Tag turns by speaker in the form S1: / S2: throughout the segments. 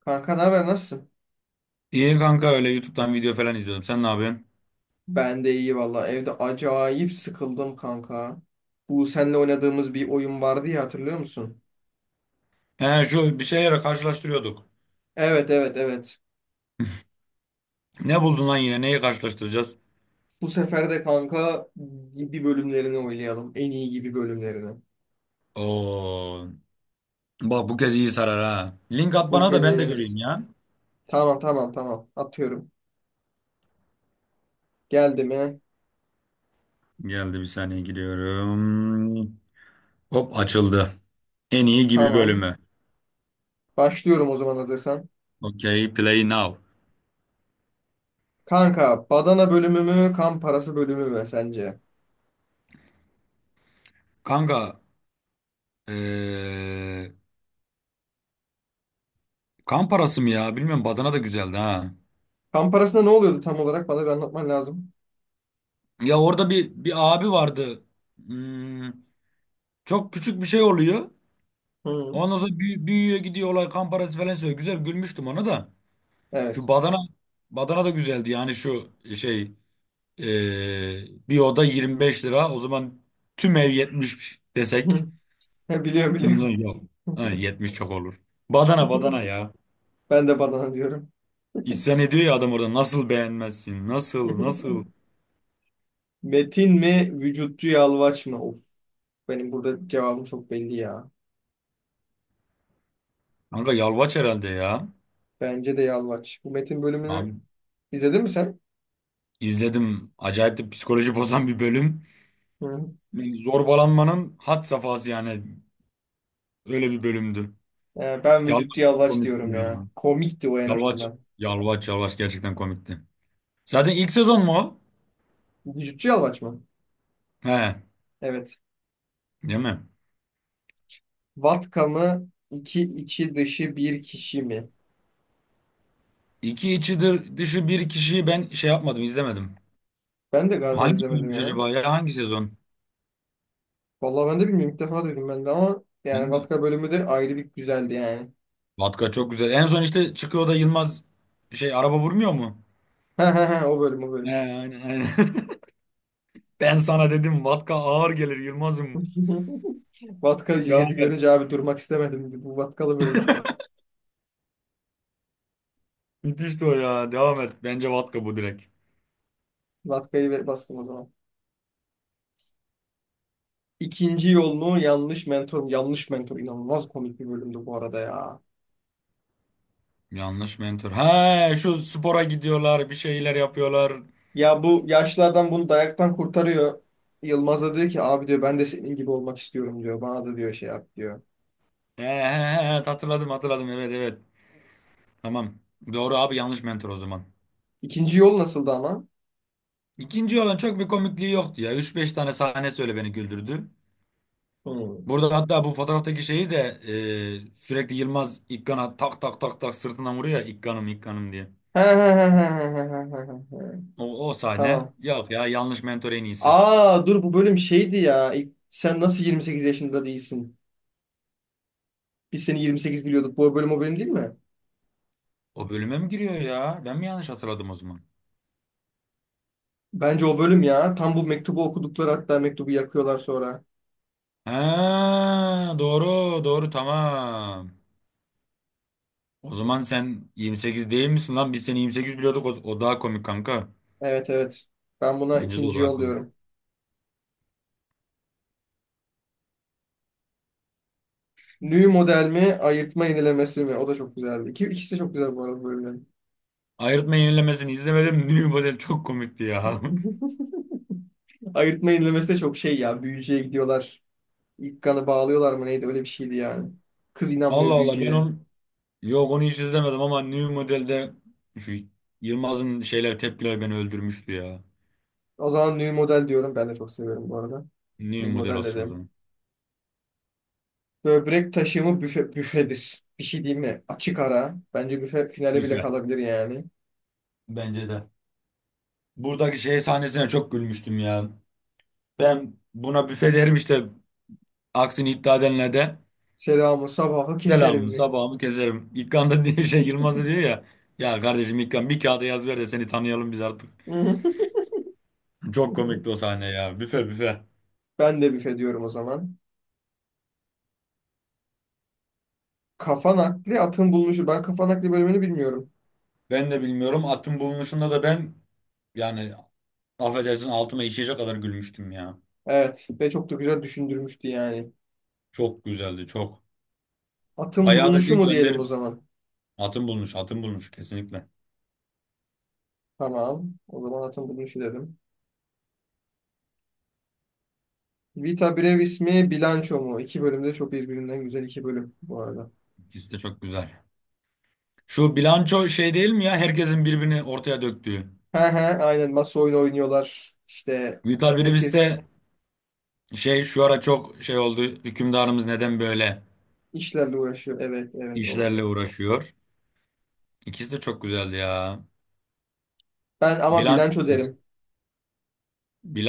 S1: Kanka ne haber, nasılsın?
S2: İyi kanka öyle YouTube'dan video falan izliyordum. Sen ne yapıyorsun?
S1: Ben de iyi valla. Evde acayip sıkıldım kanka. Bu seninle oynadığımız bir oyun vardı ya, hatırlıyor musun?
S2: He şu bir şeylere karşılaştırıyorduk.
S1: Evet, evet, evet.
S2: Ne buldun lan yine? Neyi karşılaştıracağız?
S1: Bu sefer de kanka gibi bölümlerini oynayalım. En iyi gibi bölümlerini.
S2: Oo. Bak bu kez iyi sarar ha. Link at
S1: Bu
S2: bana da
S1: kez
S2: ben de göreyim
S1: eğleniriz.
S2: ya.
S1: Tamam, tamam, tamam. Atıyorum. Geldi mi?
S2: Geldi, bir saniye giriyorum. Hop açıldı. En iyi gibi
S1: Tamam.
S2: bölümü.
S1: Başlıyorum o zaman hazırsan.
S2: Okay play now.
S1: Kanka badana bölümü mü, kan parası bölümü mü sence?
S2: Kanka eee, kan parası mı ya? Bilmiyorum, badana da güzeldi ha.
S1: Kan parasında ne oluyordu tam olarak? Bana bir anlatman lazım.
S2: Ya orada bir abi vardı. Hmm, çok küçük bir şey oluyor.
S1: Hı.
S2: Ondan sonra büyüyor, gidiyor olay, kan parası falan söylüyor. Güzel gülmüştüm ona da. Şu
S1: Evet.
S2: badana, badana da güzeldi yani şu şey, bir oda 25 lira. O zaman tüm ev 70 desek.
S1: Hı. Biliyorum,
S2: Ondan sonra
S1: biliyorum.
S2: yok. Ha, 70 çok olur. Badana badana ya.
S1: Ben de badana diyorum.
S2: İsyan ediyor ya adam orada, nasıl beğenmezsin? Nasıl nasıl?
S1: Metin mi, vücutçu yalvaç mı? Of, benim burada cevabım çok belli ya.
S2: Kanka yalvaç herhalde ya.
S1: Bence de yalvaç. Bu Metin bölümünü
S2: Abi
S1: izledin mi sen?
S2: izledim. Acayip de psikoloji bozan bir bölüm.
S1: Hı hı.
S2: Yani zorbalanmanın had safhası yani. Öyle bir bölümdü.
S1: Ben vücutçu
S2: Yalvaç çok
S1: yalvaç
S2: komikti
S1: diyorum
S2: ya.
S1: ya. Komikti o en
S2: Yalvaç.
S1: azından.
S2: Yalvaç, Yalvaç gerçekten komikti. Zaten ilk sezon mu o?
S1: Vücutçu yalvaç mı?
S2: He,
S1: Evet.
S2: değil mi?
S1: Vatka mı, iki içi dışı bir kişi mi?
S2: İki içidir dışı bir kişiyi ben şey yapmadım, izlemedim.
S1: Ben de galiba
S2: Hangi
S1: izlemedim
S2: bölümmüş
S1: ya.
S2: acaba ya? Hangi sezon?
S1: Vallahi ben de bilmiyorum. İlk defa duydum ben de, ama yani
S2: Ben de-
S1: Vatka bölümü de ayrı bir güzeldi yani.
S2: Vatka çok güzel. En son işte çıkıyor da Yılmaz şey, araba vurmuyor mu?
S1: Ha ha ha, o bölüm o
S2: He,
S1: bölüm.
S2: aynen, aynen. Ben sana dedim Vatka ağır gelir Yılmaz'ım.
S1: Vatkalı
S2: Devam
S1: ceketi
S2: et.
S1: görünce abi durmak istemedim, dedi. Bu vatkalı bölüm işte.
S2: Müthişti o ya. Devam et. Bence Vatka bu, direkt.
S1: Vatkayı bastım o zaman. İkinci yolunu yanlış mentor. Yanlış mentor inanılmaz komik bir bölümdü bu arada ya.
S2: Yanlış mentor. He, şu spora gidiyorlar, bir şeyler yapıyorlar.
S1: Ya bu yaşlı adam bunu dayaktan kurtarıyor. Yılmaz da diyor ki abi diyor, ben de senin gibi olmak istiyorum diyor. Bana da diyor şey yap diyor.
S2: He, he, he, hatırladım hatırladım, evet evet. Tamam. Doğru abi, yanlış mentor o zaman.
S1: İkinci yol nasıldı ama?
S2: İkinci olan çok bir komikliği yoktu ya. Üç beş tane sahne söyle beni güldürdü.
S1: Hmm.
S2: Burada hatta bu fotoğraftaki şeyi de sürekli Yılmaz İkkan'a tak tak tak tak sırtından vuruyor ya, İkkan'ım İkkan'ım diye.
S1: He he he he he he he he he.
S2: O, o sahne
S1: Tamam.
S2: yok ya, yanlış mentor en iyisi.
S1: Aa dur, bu bölüm şeydi ya. Sen nasıl 28 yaşında değilsin? Biz seni 28 biliyorduk. Bu bölüm o bölüm değil mi?
S2: O bölüme mi giriyor ya? Ben mi yanlış hatırladım o zaman?
S1: Bence o bölüm ya. Tam bu mektubu okudukları, hatta mektubu yakıyorlar sonra.
S2: He, doğru doğru, tamam. O zaman sen 28 değil misin lan? Biz seni 28 biliyorduk. O, o daha komik kanka.
S1: Evet, evet. Ben buna
S2: Bence de o
S1: ikinci
S2: daha komik.
S1: yolluyorum. New model mi, ayırtma yenilemesi mi? O da çok güzeldi. İki, ikisi de çok güzel bu arada bölümlerin.
S2: Ayrıtma yenilemesini izlemedim. New Model çok komikti ya.
S1: Ayırtma yenilemesi de çok şey ya. Büyücüye gidiyorlar. İlk kanı bağlıyorlar mı neydi? Öyle bir şeydi yani. Kız
S2: Allah
S1: inanmıyor
S2: Allah, ben
S1: büyücüye.
S2: onu, yok onu hiç izlemedim, ama New Model'de şu Yılmaz'ın şeyler, tepkiler beni öldürmüştü ya.
S1: O zaman new model diyorum. Ben de çok seviyorum bu arada.
S2: New
S1: New
S2: Model
S1: model
S2: olsun o
S1: dedim.
S2: zaman.
S1: Böbrek taşımı büfe, büfedir. Bir şey diyeyim mi? Açık ara. Bence büfe finale bile
S2: Büfe.
S1: kalabilir yani.
S2: Bence de. Buradaki şey sahnesine çok gülmüştüm ya. Ben buna büfe derim işte, aksini iddia edenler de
S1: Selamı sabahı
S2: selamımı
S1: keserim.
S2: sabahımı keserim. İlkan da diye şey, Yılmaz da diyor ya. Ya kardeşim İlkan, bir kağıda yaz ver de seni tanıyalım biz artık.
S1: Hı.
S2: Çok komikti o sahne ya. Büfe büfe.
S1: Ben de büfe diyorum o zaman. Kafa nakli, atın bulunuşu. Ben kafa nakli bölümünü bilmiyorum.
S2: Ben de bilmiyorum. Atın bulunuşunda da ben, yani affedersin altıma işeyecek kadar gülmüştüm ya.
S1: Evet ve çok da güzel düşündürmüştü yani.
S2: Çok güzeldi çok.
S1: Atın
S2: Bayağı da bir
S1: bulunuşu mu diyelim o
S2: gönderim.
S1: zaman?
S2: Atın bulunuş, atın bulunuş kesinlikle.
S1: Tamam. O zaman atın bulunuşu dedim. Vita Brevis mi, Bilanço mu? İki bölümde çok birbirinden güzel iki bölüm bu arada.
S2: İkisi de çok güzel. Şu bilanço şey değil mi ya? Herkesin birbirini ortaya döktüğü.
S1: He he, aynen, masa oyunu oynuyorlar. İşte
S2: Vital Brivis
S1: herkes
S2: de şey, şu ara çok şey oldu. Hükümdarımız neden böyle
S1: işlerle uğraşıyor. Evet, evet, o.
S2: işlerle uğraşıyor? İkisi de çok güzeldi ya.
S1: Ben ama
S2: Bilanço,
S1: Bilanço derim.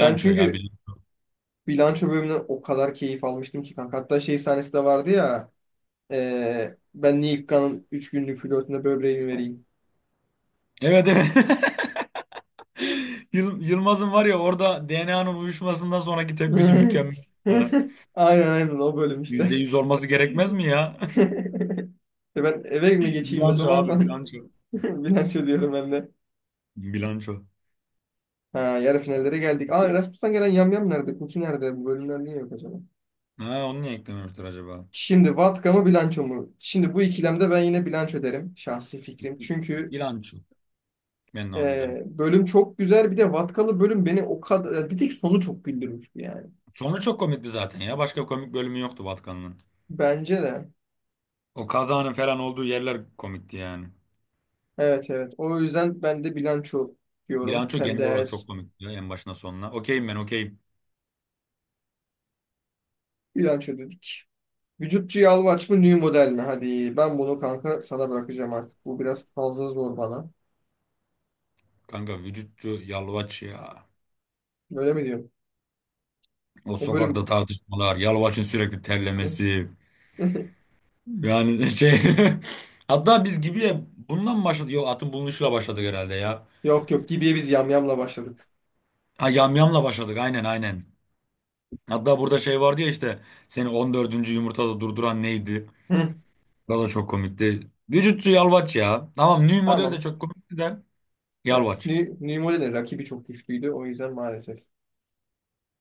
S1: Ben
S2: ya
S1: çünkü
S2: bilanço.
S1: Bilanço bölümünden o kadar keyif almıştım ki kanka. Hatta şey sahnesi de vardı ya. Ben Neil Kaan'ın 3 günlük flörtüne böbreğimi vereyim.
S2: Evet evet. Yılmaz'ın var ya orada, DNA'nın uyuşmasından sonraki tepkisi mükemmel. Ha,
S1: Aynen, aynen, o bölüm
S2: yüzde
S1: işte.
S2: yüz olması gerekmez mi ya?
S1: E ben eve mi geçeyim o
S2: Bilanço
S1: zaman
S2: abi,
S1: falan.
S2: bilanço.
S1: Bilanço diyorum ben de.
S2: Bilanço.
S1: Ha, yarı finallere geldik. Aa, Erasmus'tan gelen Yamyam nerede? Kuki nerede? Bu bölümler niye yok acaba?
S2: Ha, onu niye eklememiştir acaba?
S1: Şimdi Vatka mı, bilanço mu? Şimdi bu ikilemde ben yine bilanço derim. Şahsi fikrim. Çünkü
S2: Bilanço. Ben de onu derim.
S1: e, bölüm çok güzel. Bir de Vatkalı bölüm beni o kadar... Bir tek sonu çok güldürmüştü yani.
S2: Sonu çok komikti zaten ya. Başka komik bölümü yoktu Vatkan'ın.
S1: Bence de.
S2: O kazanın falan olduğu yerler komikti yani.
S1: Evet, evet. O yüzden ben de bilanço diyorum.
S2: Bilanço
S1: Sen de
S2: genel olarak
S1: eğer
S2: çok komikti ya, en başına sonuna. Okeyim ben, okeyim.
S1: bilanço dedik. Vücutçu yağlı aç mı, new model mi? Hadi ben bunu kanka sana bırakacağım artık. Bu biraz fazla zor bana.
S2: Kanka vücutçu Yalvaç ya.
S1: Öyle mi diyorum?
S2: O
S1: O
S2: sokakta
S1: bölüm...
S2: tartışmalar, Yalvaç'ın sürekli terlemesi. Yani şey hatta biz gibi ya, bundan mı başladık? Yok, atın bulunuşuyla başladık herhalde ya.
S1: Yok, yok, gibiye biz yamyamla başladık.
S2: Ha, yamyamla başladık, aynen aynen. Hatta burada şey vardı ya işte, seni 14. yumurtada durduran neydi?
S1: Hı.
S2: O da çok komikti. Vücutçu yalvaç ya. Tamam, New Model de
S1: Tamam.
S2: çok komikti de,
S1: Evet.
S2: yalvaç.
S1: New modelin rakibi çok güçlüydü. O yüzden maalesef.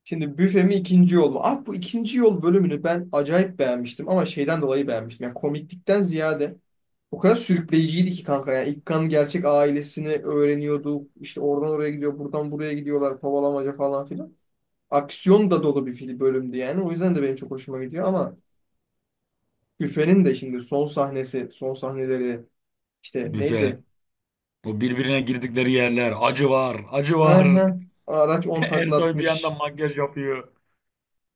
S1: Şimdi büfe mi, ikinci yol mu? Ah, bu ikinci yol bölümünü ben acayip beğenmiştim. Ama şeyden dolayı beğenmiştim. Yani komiklikten ziyade o kadar sürükleyiciydi ki kanka, yani İlkan gerçek ailesini öğreniyorduk. İşte oradan oraya gidiyor, buradan buraya gidiyorlar, kovalamaca falan filan. Aksiyon da dolu bir film bölümdü yani. O yüzden de benim çok hoşuma gidiyor. Ama Büfe'nin de şimdi son sahnesi, son sahneleri işte
S2: Büfe.
S1: neydi?
S2: O birbirine girdikleri yerler. Acı var. Acı var.
S1: Aha, araç 10
S2: Ersoy bir
S1: taklatmış.
S2: yandan makyaj yapıyor.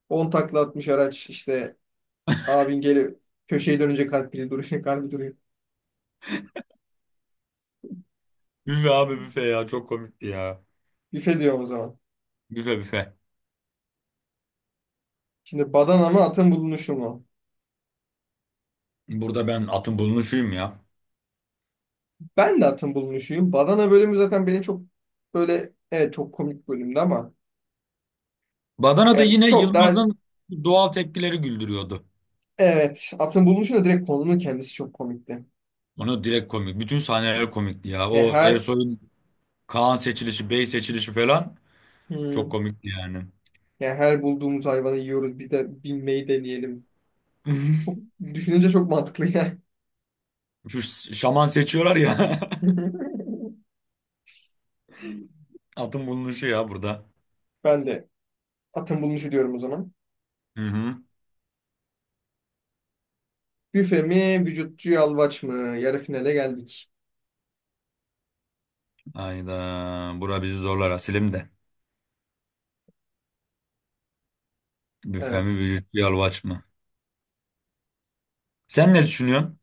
S1: On taklatmış araç, işte abin geli, köşeye dönünce kalbi duruyor, kalbi duruyor.
S2: Büfe abi büfe, ya çok komikti ya.
S1: Büfe diyor o zaman.
S2: Büfe büfe.
S1: Şimdi badana mı, atın bulunuşu mu?
S2: Burada ben atın bulunuşuyum ya.
S1: Ben de atın bulunuşuyum. Badana bölümü zaten beni çok böyle, evet, çok komik bölümdü ama
S2: Badana'da
S1: yani
S2: yine
S1: çok daha
S2: Yılmaz'ın doğal tepkileri güldürüyordu.
S1: evet, atın bulunuşu da direkt konunun kendisi çok komikti.
S2: Onu direkt komik. Bütün sahneler komikti ya.
S1: Yani
S2: O
S1: her
S2: Ersoy'un Kaan seçilişi, Bey seçilişi falan çok
S1: hmm,
S2: komikti yani.
S1: yani her bulduğumuz hayvanı yiyoruz, bir de binmeyi deneyelim. Düşününce çok mantıklı yani.
S2: Şu şaman seçiyorlar ya. Atın bulunuşu ya burada.
S1: Ben de atın bulunuşu diyorum o zaman.
S2: Hı hı.
S1: Büfe mi, vücutçu yalvaç mı? Yarı finale geldik.
S2: Hayda. Bura bizi zorlar Asilim de. Büfe mi
S1: Evet.
S2: vücut yalvaç mı? Sen ne düşünüyorsun?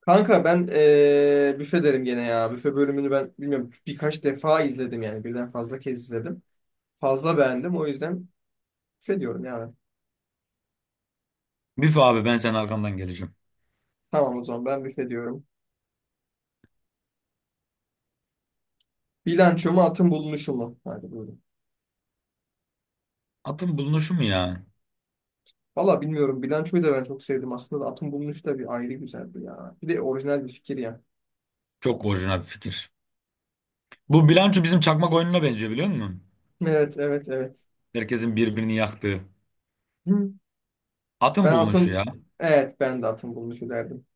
S1: Kanka ben büfe derim gene ya. Büfe bölümünü ben bilmiyorum, birkaç defa izledim, yani birden fazla kez izledim. Fazla beğendim. O yüzden büfe diyorum yani.
S2: Büfe abi, ben senin arkamdan geleceğim.
S1: Tamam, o zaman ben büfe diyorum. Bilanço mu, atın bulunuşu mu? Hadi buyurun.
S2: Atın bulunuşu mu ya?
S1: Valla bilmiyorum. Bilançoyu da ben çok sevdim. Aslında da atın bulunuşu da bir ayrı güzeldi ya. Bir de orijinal bir fikir ya.
S2: Çok orijinal bir fikir. Bu bilanço bizim çakmak oyununa benziyor, biliyor musun?
S1: Evet, evet, evet.
S2: Herkesin birbirini yaktığı.
S1: Hı.
S2: Atın
S1: Ben
S2: bulunuşu
S1: atın...
S2: ya.
S1: Evet, ben de atın bulunuşu derdim.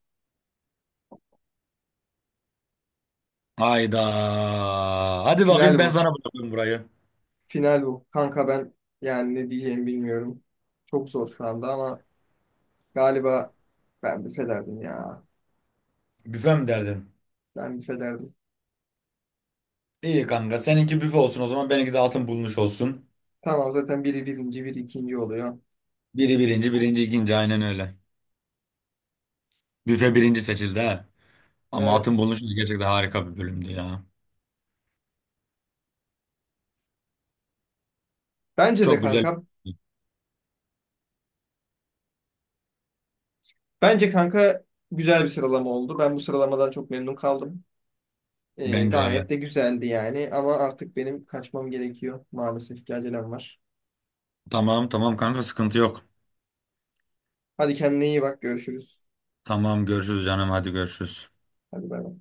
S2: Hayda. Hadi bakayım,
S1: Final
S2: ben
S1: bu.
S2: sana bırakıyorum burayı.
S1: Final bu. Kanka ben yani ne diyeceğimi bilmiyorum. Çok zor şu anda ama galiba ben büfe derdim ya.
S2: Büfe mi derdin?
S1: Ben büfe derdim.
S2: İyi kanka, seninki büfe olsun o zaman, benimki de atın bulunuşu olsun.
S1: Tamam, zaten biri birinci, biri ikinci oluyor.
S2: Biri birinci, birinci ikinci, aynen öyle. Büfe birinci seçildi ha. Ama atın
S1: Evet.
S2: bulunuşu da gerçekten harika bir bölümdü ya.
S1: Bence de
S2: Çok güzel.
S1: kanka, bence kanka güzel bir sıralama oldu. Ben bu sıralamadan çok memnun kaldım.
S2: Bence öyle.
S1: Gayet de güzeldi yani. Ama artık benim kaçmam gerekiyor. Maalesef ki acelem var.
S2: Tamam tamam kanka, sıkıntı yok.
S1: Hadi kendine iyi bak. Görüşürüz.
S2: Tamam, görüşürüz canım, hadi görüşürüz.
S1: Hadi bay bay.